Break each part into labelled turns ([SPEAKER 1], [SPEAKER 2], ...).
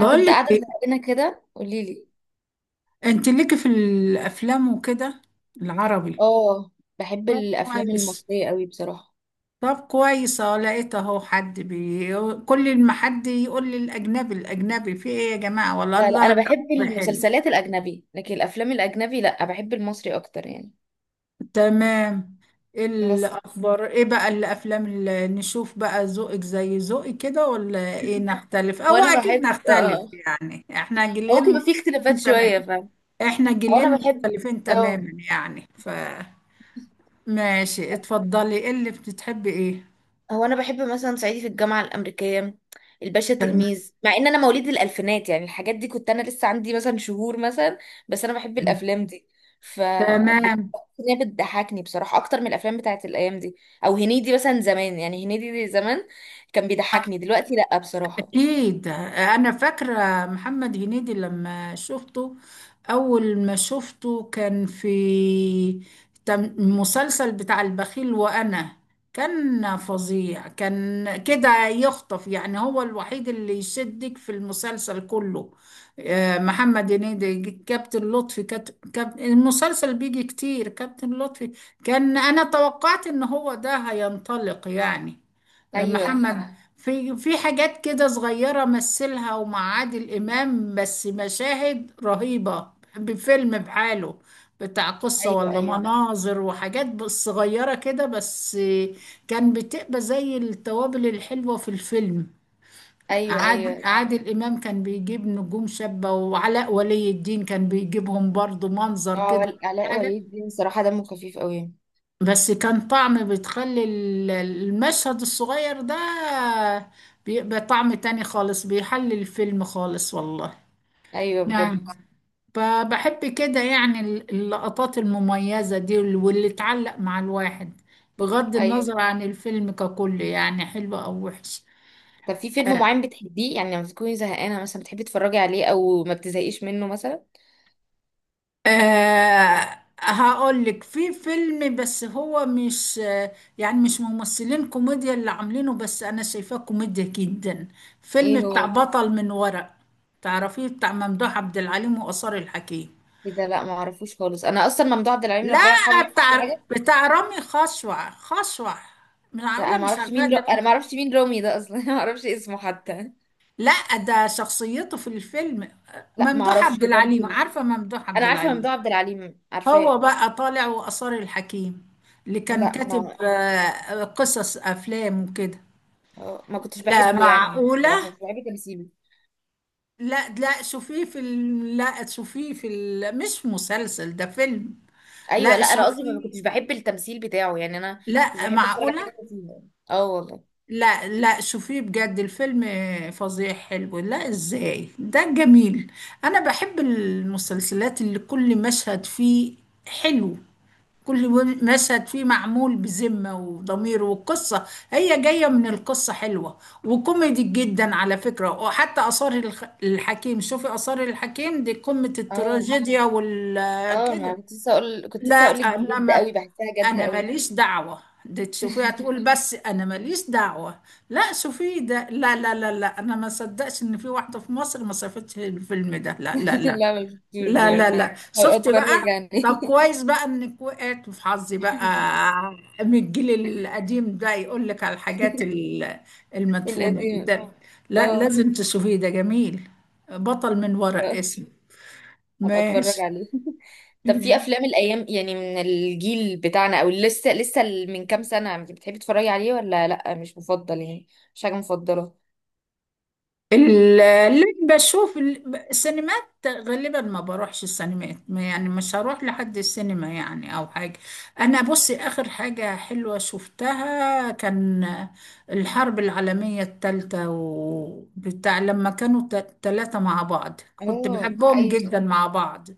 [SPEAKER 1] انا كنت قاعده
[SPEAKER 2] ايه؟
[SPEAKER 1] زهقانه كده قولي لي.
[SPEAKER 2] انت ليكي في الافلام وكده؟ العربي؟
[SPEAKER 1] اه. بحب
[SPEAKER 2] طب
[SPEAKER 1] الافلام
[SPEAKER 2] كويس.
[SPEAKER 1] المصريه قوي بصراحه.
[SPEAKER 2] طب كويس، اهو لقيت اهو حد بي. كل ما حد يقول لي الاجنبي الاجنبي، في ايه يا جماعه؟ والله
[SPEAKER 1] لا لا،
[SPEAKER 2] الله
[SPEAKER 1] انا بحب
[SPEAKER 2] الأكبر، حلو.
[SPEAKER 1] المسلسلات الاجنبي لكن الافلام الاجنبي لا، بحب المصري اكتر يعني.
[SPEAKER 2] تمام. إيه
[SPEAKER 1] بس
[SPEAKER 2] الاخبار؟ ايه بقى الافلام اللي نشوف بقى؟ ذوقك زي ذوقي كده ولا ايه؟ نختلف او
[SPEAKER 1] وانا
[SPEAKER 2] اكيد
[SPEAKER 1] بحب
[SPEAKER 2] نختلف يعني، احنا جيلين
[SPEAKER 1] ممكن يبقى في اختلافات
[SPEAKER 2] مختلفين. تمام،
[SPEAKER 1] شويه فاهم.
[SPEAKER 2] احنا جيلين
[SPEAKER 1] وانا بحب
[SPEAKER 2] مختلفين
[SPEAKER 1] اه
[SPEAKER 2] تماما يعني. ف ماشي، اتفضلي، ايه اللي بتحبي؟ ايه؟
[SPEAKER 1] هو انا بحب مثلا صعيدي في الجامعه الامريكيه، الباشا
[SPEAKER 2] تمام.
[SPEAKER 1] تلميذ، مع ان انا مواليد الالفينات يعني الحاجات دي كنت انا لسه عندي مثلا شهور مثلا. بس انا بحب الافلام دي. ف بت-
[SPEAKER 2] تمام.
[SPEAKER 1] هي بتضحكني بصراحه اكتر من الافلام بتاعت الايام دي، او هنيدي مثلا زمان. يعني هنيدي دي زمان كان
[SPEAKER 2] اه،
[SPEAKER 1] بيضحكني، دلوقتي لا بصراحه.
[SPEAKER 2] أكيد أنا فاكرة محمد هنيدي لما شفته. أول ما شفته كان في مسلسل بتاع البخيل، وأنا كان فظيع، كان كده يخطف، يعني هو الوحيد اللي يشدك في المسلسل كله. آه، محمد هنيدي كابتن لطفي، المسلسل بيجي كتير كابتن لطفي. كان أنا توقعت إن هو ده هينطلق يعني.
[SPEAKER 1] ايوه،
[SPEAKER 2] محمد في حاجات كده صغيرة مثلها، ومع عادل إمام بس مشاهد رهيبة، بفيلم بحاله، بتاع قصة ولا
[SPEAKER 1] ايوه،
[SPEAKER 2] حقيقي،
[SPEAKER 1] ايوه،
[SPEAKER 2] مناظر وحاجات بس صغيرة كده بس. كان بتبقى زي التوابل الحلوة في الفيلم.
[SPEAKER 1] ايوه،
[SPEAKER 2] عادل,
[SPEAKER 1] ايوه.
[SPEAKER 2] عادل إمام كان بيجيب نجوم شابة، وعلاء ولي الدين كان بيجيبهم برضو، منظر كده
[SPEAKER 1] آه، علاء
[SPEAKER 2] حاجة.
[SPEAKER 1] ولي الدين صراحه دمه خفيف قوي.
[SPEAKER 2] بس كان طعم، بتخلي المشهد الصغير ده بيبقى طعم تاني خالص، بيحلي الفيلم خالص والله.
[SPEAKER 1] ايوه
[SPEAKER 2] نعم.
[SPEAKER 1] بجد.
[SPEAKER 2] فبحب كده يعني اللقطات المميزة دي، واللي تعلق مع الواحد، بغض
[SPEAKER 1] ايوه،
[SPEAKER 2] النظر عن الفيلم ككل يعني، حلو أو وحش.
[SPEAKER 1] طب في فيلم
[SPEAKER 2] أه.
[SPEAKER 1] معين بتحبيه يعني لما تكوني زهقانة مثلا بتحبي تتفرجي عليه، او ما بتزهقيش منه مثلا؟
[SPEAKER 2] آه هقول لك، في فيلم، بس هو مش آه، يعني مش ممثلين كوميديا اللي عاملينه، بس انا شايفاه كوميديا جدا. فيلم
[SPEAKER 1] ايه
[SPEAKER 2] بتاع
[SPEAKER 1] هو ده؟
[SPEAKER 2] بطل من ورق. تعرفيه؟ بتاع ممدوح عبد العليم وآثار الحكيم.
[SPEAKER 1] ايه ده، لا ما اعرفوش خالص. انا اصلا ممدوح عبد العليم ربنا يرحمه
[SPEAKER 2] لا،
[SPEAKER 1] يعني كل
[SPEAKER 2] بتاع
[SPEAKER 1] حاجة.
[SPEAKER 2] بتاع رامي خشوع، من
[SPEAKER 1] لا،
[SPEAKER 2] عامله، مش عارفاه ده
[SPEAKER 1] انا
[SPEAKER 2] مين.
[SPEAKER 1] ما اعرفش مين رامي ده اصلا ما اعرفش اسمه حتى.
[SPEAKER 2] لا ده شخصيته في الفيلم.
[SPEAKER 1] لا ما
[SPEAKER 2] ممدوح
[SPEAKER 1] اعرفش
[SPEAKER 2] عبد العليم،
[SPEAKER 1] برضه.
[SPEAKER 2] عارفه ممدوح عبد
[SPEAKER 1] انا عارفة
[SPEAKER 2] العليم؟
[SPEAKER 1] ممدوح عبد العليم،
[SPEAKER 2] هو
[SPEAKER 1] عارفاه.
[SPEAKER 2] بقى طالع وآثار الحكيم، اللي كان
[SPEAKER 1] لا
[SPEAKER 2] كاتب
[SPEAKER 1] ما
[SPEAKER 2] آه، قصص أفلام وكده.
[SPEAKER 1] آه، ما كنتش
[SPEAKER 2] لا
[SPEAKER 1] بحبه يعني
[SPEAKER 2] معقولة!
[SPEAKER 1] بصراحة مش بحب تمثيله.
[SPEAKER 2] لا لا شوفيه في ال... لا شوفيه في ال... مش مسلسل، ده فيلم.
[SPEAKER 1] ايوه،
[SPEAKER 2] لا
[SPEAKER 1] لا انا قصدي ما
[SPEAKER 2] شوفيه،
[SPEAKER 1] كنتش بحب التمثيل بتاعه يعني، انا مش
[SPEAKER 2] لا
[SPEAKER 1] بحب اتفرج على
[SPEAKER 2] معقولة.
[SPEAKER 1] حاجة فيه. اه والله.
[SPEAKER 2] لا لا شوفيه بجد، الفيلم فظيع حلو. لا ازاي، ده جميل! انا بحب المسلسلات اللي كل مشهد فيه حلو، كل مشهد فيه معمول بذمة وضمير، والقصة هي جاية من القصة حلوة، وكوميدي جدا على فكرة. وحتى آثار الحكيم، شوفي آثار الحكيم دي قمة
[SPEAKER 1] اه
[SPEAKER 2] التراجيديا وال
[SPEAKER 1] اه، ما
[SPEAKER 2] كده.
[SPEAKER 1] كنت لسه اقول كنت
[SPEAKER 2] لا،
[SPEAKER 1] لسه اقول لك دي جد
[SPEAKER 2] إنما
[SPEAKER 1] قوي، بحسها جد
[SPEAKER 2] أنا
[SPEAKER 1] قوي.
[SPEAKER 2] ماليش دعوة، دي تشوفيها تقول بس أنا ماليش دعوة. لا شوفيه ده، لا لا لا لا، أنا ما صدقش إن في واحدة في مصر ما شافتش الفيلم ده، لا لا لا.
[SPEAKER 1] لا ما شفتوش
[SPEAKER 2] لا لا
[SPEAKER 1] بجد،
[SPEAKER 2] لا
[SPEAKER 1] هبقى
[SPEAKER 2] شفت
[SPEAKER 1] اتفرج
[SPEAKER 2] بقى.
[SPEAKER 1] عليه.
[SPEAKER 2] طب كويس بقى انك وقعت في حظي بقى، من الجيل القديم ده، يقول لك على الحاجات المدفونة دي.
[SPEAKER 1] القديم.
[SPEAKER 2] ده لا،
[SPEAKER 1] اه،
[SPEAKER 2] لازم تشوفيه، ده جميل. بطل من ورق اسمه.
[SPEAKER 1] هبقى اتفرج
[SPEAKER 2] ماشي.
[SPEAKER 1] عليه. طب في افلام الايام يعني من الجيل بتاعنا او لسه لسه من كام سنه بتحبي تتفرجي عليه، ولا لا مش مفضل يعني؟ مش حاجه مفضله.
[SPEAKER 2] اللي بشوف السينمات، غالبا ما بروحش السينمات، يعني مش هروح لحد السينما يعني او حاجة. انا بصي، اخر حاجة حلوة شفتها كان الحرب العالمية الثالثة، وبتاع لما كانوا ثلاثة مع بعض، كنت
[SPEAKER 1] اه
[SPEAKER 2] بحبهم
[SPEAKER 1] ايوه.
[SPEAKER 2] جدا مع بعض.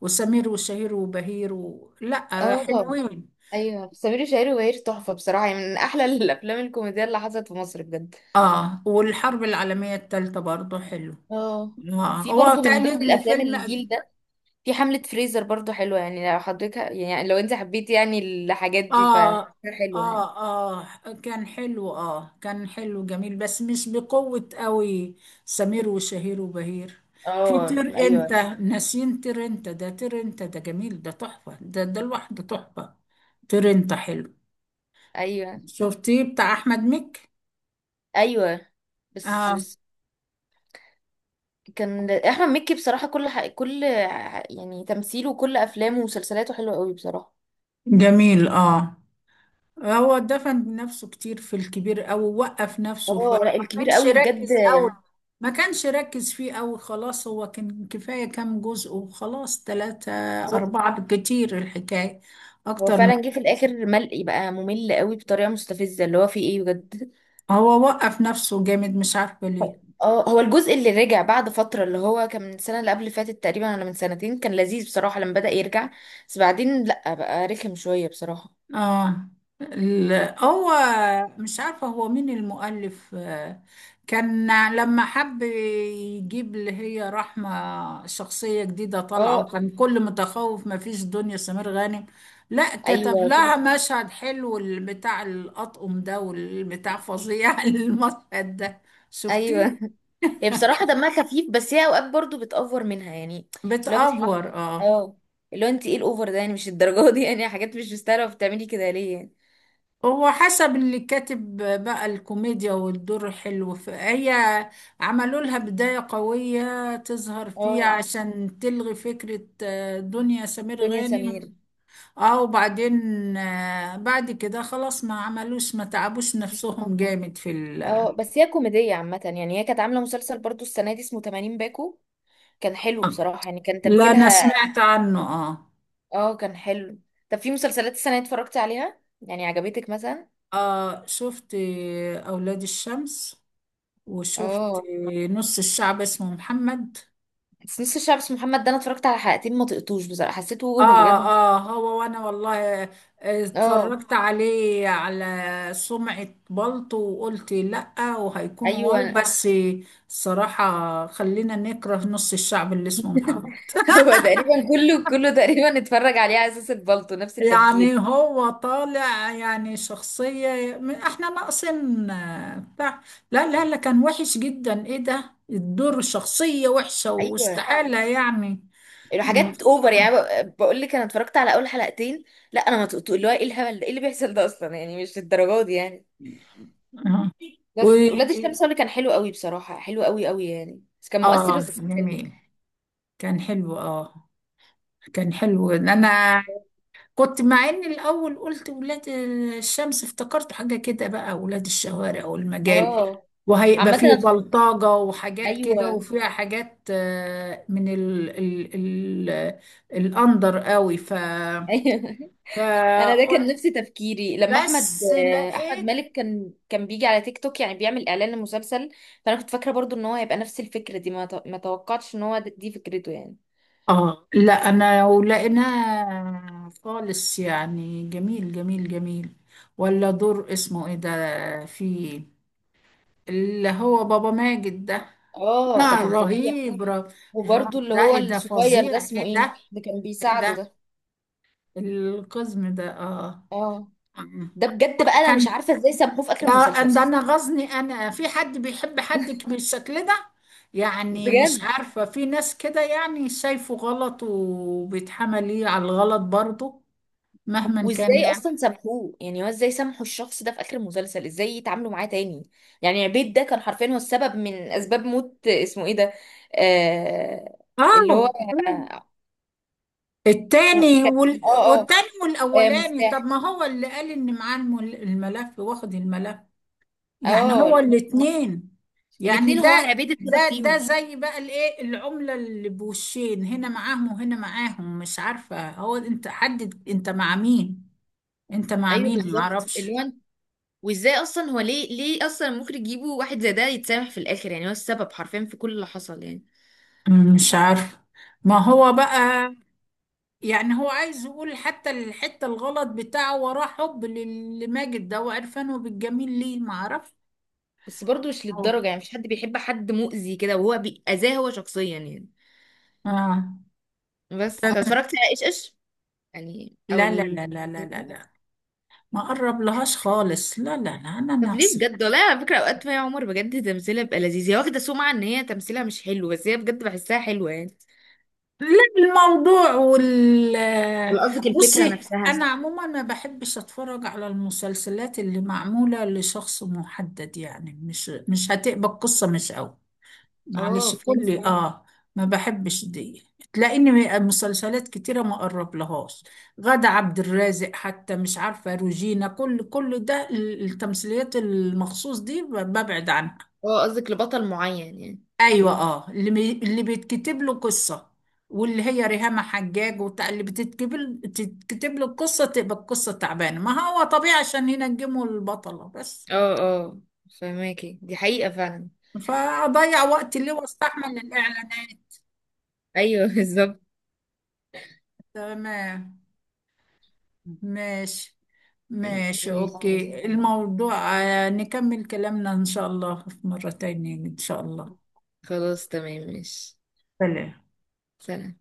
[SPEAKER 2] وسمير وشهير وبهير و... لا
[SPEAKER 1] اه
[SPEAKER 2] حلوين.
[SPEAKER 1] ايوه، سمير وشهير وبهير تحفه بصراحه، يعني من احلى الافلام الكوميديه اللي حصلت في مصر بجد.
[SPEAKER 2] اه والحرب العالمية الثالثة برضو حلو.
[SPEAKER 1] اه،
[SPEAKER 2] آه،
[SPEAKER 1] في
[SPEAKER 2] هو
[SPEAKER 1] برضو من ضمن
[SPEAKER 2] تقليد
[SPEAKER 1] الافلام
[SPEAKER 2] لفيلم.
[SPEAKER 1] الجيل ده في حملة فريزر، برضو حلوة. يعني لو حضرتك يعني لو انت حبيتي يعني الحاجات دي
[SPEAKER 2] اه،
[SPEAKER 1] فحاجة حلوة يعني.
[SPEAKER 2] اه، اه كان حلو. اه كان حلو جميل، بس مش بقوة قوي سمير وشهير وبهير. في
[SPEAKER 1] اه،
[SPEAKER 2] طير انت،
[SPEAKER 1] ايوه،
[SPEAKER 2] ناسين طير انت، ده طير انت ده جميل، ده تحفة، ده ده لوحده تحفة. طير انت حلو.
[SPEAKER 1] ايوه،
[SPEAKER 2] شفتيه بتاع احمد مكي؟
[SPEAKER 1] ايوه. بس
[SPEAKER 2] اه
[SPEAKER 1] بس كان احمد مكي بصراحة يعني تمثيله وكل افلامه ومسلسلاته حلوة قوي بصراحة.
[SPEAKER 2] جميل. اه هو دفن نفسه كتير في الكبير قوي، ووقف نفسه، فما
[SPEAKER 1] اه لا، الكبير
[SPEAKER 2] كانش
[SPEAKER 1] قوي بجد.
[SPEAKER 2] ركز قوي، ما كانش ركز فيه قوي. خلاص هو كان كفاية كام جزء وخلاص، تلاتة
[SPEAKER 1] بالظبط.
[SPEAKER 2] أربعة بالكتير الحكاية،
[SPEAKER 1] هو
[SPEAKER 2] أكتر من.
[SPEAKER 1] فعلا جه في الاخر ملقي بقى، ممل قوي بطريقة مستفزة اللي هو فيه ايه بجد.
[SPEAKER 2] هو وقف نفسه جامد، مش عارفة ليه.
[SPEAKER 1] اه، هو الجزء اللي رجع بعد فترة اللي هو كان من السنة اللي قبل اللي فاتت تقريبا، ولا من سنتين، كان لذيذ بصراحة لما بدأ يرجع، بس بعدين لأ بقى رخم شوية بصراحة.
[SPEAKER 2] اه. هو مش عارفة هو مين المؤلف آه، كان لما حب يجيب اللي هي رحمة، شخصية جديدة طالعة،
[SPEAKER 1] اه
[SPEAKER 2] وكان كل متخوف ما فيش دنيا سمير غانم، لا كتب
[SPEAKER 1] ايوه، كل.
[SPEAKER 2] لها مشهد حلو، بتاع الأطقم ده والبتاع، فظيع المشهد ده.
[SPEAKER 1] ايوه
[SPEAKER 2] شفتيه؟
[SPEAKER 1] هي بصراحة دمها خفيف، بس هي اوقات برضو بتأفور منها يعني. اللي هو بتح...
[SPEAKER 2] بتأفور اه.
[SPEAKER 1] اه، اللي هو انت ايه الاوفر ده يعني؟ مش الدرجة دي يعني، حاجات مش مستاهلة بتعملي كده ليه يعني.
[SPEAKER 2] هو حسب اللي كاتب بقى الكوميديا والدور حلو، فهي عملوا لها بداية قوية تظهر فيها
[SPEAKER 1] اه،
[SPEAKER 2] عشان تلغي فكرة آه، دنيا سمير
[SPEAKER 1] دنيا سمير.
[SPEAKER 2] غانم. اه وبعدين آه، بعد كده خلاص، ما عملوش، ما تعبوش نفسهم جامد في ال.
[SPEAKER 1] اه، بس هي كوميدية عامة يعني، هي كانت عاملة مسلسل برضو السنة دي اسمه 80 باكو، كان حلو بصراحة، يعني كان
[SPEAKER 2] لا انا
[SPEAKER 1] تمثيلها.
[SPEAKER 2] سمعت عنه اه.
[SPEAKER 1] اه كان حلو. طب في مسلسلات السنة دي اتفرجتي عليها يعني عجبتك مثلا؟
[SPEAKER 2] اه شفت آه، اولاد الشمس، وشفت
[SPEAKER 1] اه،
[SPEAKER 2] آه، نص الشعب اسمه محمد.
[SPEAKER 1] بس نص الشعب اسمه محمد ده انا اتفرجت على حلقتين ما طقتوش بصراحة، حسيته
[SPEAKER 2] اه.
[SPEAKER 1] بجد.
[SPEAKER 2] اه هو وانا والله آه،
[SPEAKER 1] اه
[SPEAKER 2] اتفرجت عليه على سمعة بلطو، وقلت لأ وهيكون واو،
[SPEAKER 1] ايوه
[SPEAKER 2] بس الصراحة خلينا نكره نص الشعب اللي اسمه محمد.
[SPEAKER 1] هو تقريبا كله كله تقريبا اتفرج عليه على اساس البلطو، نفس
[SPEAKER 2] يعني
[SPEAKER 1] التفكير.
[SPEAKER 2] هو طالع يعني شخصية احنا ناقصين آه، بتاع. لا لا لا كان وحش جدا، ايه ده الدور؟ شخصية وحشة
[SPEAKER 1] ايوه،
[SPEAKER 2] واستحالة يعني. م-
[SPEAKER 1] الحاجات اوفر يعني. بقول لك انا اتفرجت على اول حلقتين، لا انا ما طقتوش. اللي هو ايه الهبل ده؟ ايه اللي بيحصل ده اصلا يعني؟ مش الدرجات دي يعني.
[SPEAKER 2] آه. و
[SPEAKER 1] بس ولاد الشمس هو اللي كان حلو قوي بصراحة، حلو قوي قوي يعني، بس كان مؤثر،
[SPEAKER 2] اه
[SPEAKER 1] بس كان حلو.
[SPEAKER 2] جميل، كان حلو. اه كان حلو، انا كنت مع ان الاول قلت ولاد الشمس، افتكرت حاجه كده بقى، ولاد الشوارع والمجال،
[SPEAKER 1] اه
[SPEAKER 2] وهيبقى
[SPEAKER 1] عامة.
[SPEAKER 2] فيه بلطجه وحاجات
[SPEAKER 1] ايوه
[SPEAKER 2] كده، وفيها حاجات آه، من ال ال ال الاندر قوي، ف
[SPEAKER 1] ايوه، انا ده كان نفس
[SPEAKER 2] فقلت،
[SPEAKER 1] تفكيري لما احمد،
[SPEAKER 2] بس
[SPEAKER 1] احمد
[SPEAKER 2] لقيت
[SPEAKER 1] مالك كان بيجي على تيك توك يعني بيعمل اعلان لمسلسل، فانا كنت فاكره برضو ان هو هيبقى نفس الفكره دي، ما توقعتش ان هو دي فكرته يعني.
[SPEAKER 2] اه، لا انا ولقيناها خالص يعني. جميل جميل جميل. ولا دور اسمه ايه ده فيه، اللي هو بابا ماجد ده،
[SPEAKER 1] اه، ده
[SPEAKER 2] آه
[SPEAKER 1] كان فظيع.
[SPEAKER 2] رهيب ر-
[SPEAKER 1] وبرضو
[SPEAKER 2] الراجل
[SPEAKER 1] اللي
[SPEAKER 2] ده،
[SPEAKER 1] هو
[SPEAKER 2] ايه ده
[SPEAKER 1] الصغير ده
[SPEAKER 2] فظيع،
[SPEAKER 1] اسمه
[SPEAKER 2] ايه
[SPEAKER 1] ايه
[SPEAKER 2] ده،
[SPEAKER 1] اللي كان
[SPEAKER 2] ايه
[SPEAKER 1] بيساعده
[SPEAKER 2] ده،
[SPEAKER 1] ده؟
[SPEAKER 2] القزم ده اه.
[SPEAKER 1] اه، ده بجد بقى
[SPEAKER 2] آه.
[SPEAKER 1] انا مش
[SPEAKER 2] كان
[SPEAKER 1] عارفه ازاي سموه في اخر
[SPEAKER 2] ده
[SPEAKER 1] المسلسل،
[SPEAKER 2] ده، نغزني انا في حد بيحب حد بالشكل ده، يعني مش
[SPEAKER 1] بجد.
[SPEAKER 2] عارفة في ناس كده، يعني شايفه غلط وبيتحمل ليه على الغلط برضه، مهما كان
[SPEAKER 1] وازاي
[SPEAKER 2] يعني.
[SPEAKER 1] اصلا سامحوه؟ يعني هو ازاي سامحوا الشخص ده في اخر المسلسل؟ ازاي يتعاملوا معاه تاني؟ يعني عبيد ده كان حرفيا هو السبب من اسباب موت اسمه ايه ده. آه، اللي هو
[SPEAKER 2] اه.
[SPEAKER 1] اسمه
[SPEAKER 2] التاني
[SPEAKER 1] كان،
[SPEAKER 2] وال...
[SPEAKER 1] اه اه،
[SPEAKER 2] والتاني
[SPEAKER 1] آه،
[SPEAKER 2] والاولاني، طب
[SPEAKER 1] مفتاح.
[SPEAKER 2] ما هو اللي قال ان معاه الملف واخد الملف، يعني
[SPEAKER 1] اه،
[SPEAKER 2] هو
[SPEAKER 1] اللي هو-
[SPEAKER 2] الاتنين، يعني
[SPEAKER 1] الاتنين هو
[SPEAKER 2] ده
[SPEAKER 1] عبيد السبب
[SPEAKER 2] ده، ده
[SPEAKER 1] فيهم.
[SPEAKER 2] زي بقى الايه، العملة اللي بوشين، هنا معاهم وهنا معاهم. مش عارفة، هو انت حدد انت مع مين، انت مع
[SPEAKER 1] ايوه
[SPEAKER 2] مين؟
[SPEAKER 1] بالظبط، اللي
[SPEAKER 2] معرفش.
[SPEAKER 1] هو أنت-، وازاي اصلا هو ليه، اصلا المخرج يجيبه واحد زي ده يتسامح في الاخر؟ يعني هو السبب حرفيا في كل اللي حصل يعني.
[SPEAKER 2] مم، مش عارفة. ما هو بقى، يعني هو عايز يقول حتى الحتة الغلط بتاعه، وراه حب لماجد ده وعرفانه بالجميل ليه؟ معرفش.
[SPEAKER 1] بس برضه مش
[SPEAKER 2] اه.
[SPEAKER 1] للدرجة، يعني مش حد بيحب حد مؤذي كده، وهو اذاه هو شخصيا يعني.
[SPEAKER 2] آه.
[SPEAKER 1] بس طب
[SPEAKER 2] تمام.
[SPEAKER 1] اتفرجتي على ايش ايش يعني، او
[SPEAKER 2] لا لا
[SPEAKER 1] ال...
[SPEAKER 2] لا لا لا لا لا، ما قرب لهاش خالص، لا لا لا، انا
[SPEAKER 1] طب ليه
[SPEAKER 2] ناقص.
[SPEAKER 1] بجد، والله على فكرة اوقات مي عمر بجد تمثيلها بيبقى لذيذ. هي واخدة سمعة ان هي تمثيلها مش حلو، بس هي بجد بحسها حلوة يعني.
[SPEAKER 2] لا، الموضوع وال،
[SPEAKER 1] ولا قصدك الفكرة
[SPEAKER 2] بصي انا
[SPEAKER 1] نفسها؟
[SPEAKER 2] عموما ما بحبش اتفرج على المسلسلات اللي معموله لشخص محدد، يعني مش مش هتقبل قصه مش قوي،
[SPEAKER 1] اه
[SPEAKER 2] معلش
[SPEAKER 1] فهمت.
[SPEAKER 2] كل اه ما بحبش دي. تلاقيني مسلسلات كتيره ما اقرب لهاش، غادة عبد الرازق حتى، مش عارفه روجينا، كل كل ده التمثيليات المخصوص دي ببعد عنها.
[SPEAKER 1] اه، قصدك لبطل معين يعني.
[SPEAKER 2] ايوه، اه اللي بي... اللي بيتكتب له قصه، واللي هي ريهام حجاج وبتاع، اللي بتتكتب تتكتب له القصه تبقى القصه تعبانه، ما هو طبيعي عشان ينجموا البطله بس.
[SPEAKER 1] اه اه، فهماكي دي حقيقة فعلا.
[SPEAKER 2] فاضيع وقتي ليه واستحمل الاعلانات؟
[SPEAKER 1] ايوه بالظبط.
[SPEAKER 2] تمام. ماشي. ماشي
[SPEAKER 1] ماشي،
[SPEAKER 2] اوكي، الموضوع آه، نكمل كلامنا ان شاء الله في مره تانية ان شاء الله.
[SPEAKER 1] خلاص، تمام، ماشي.
[SPEAKER 2] سلام.
[SPEAKER 1] سلام.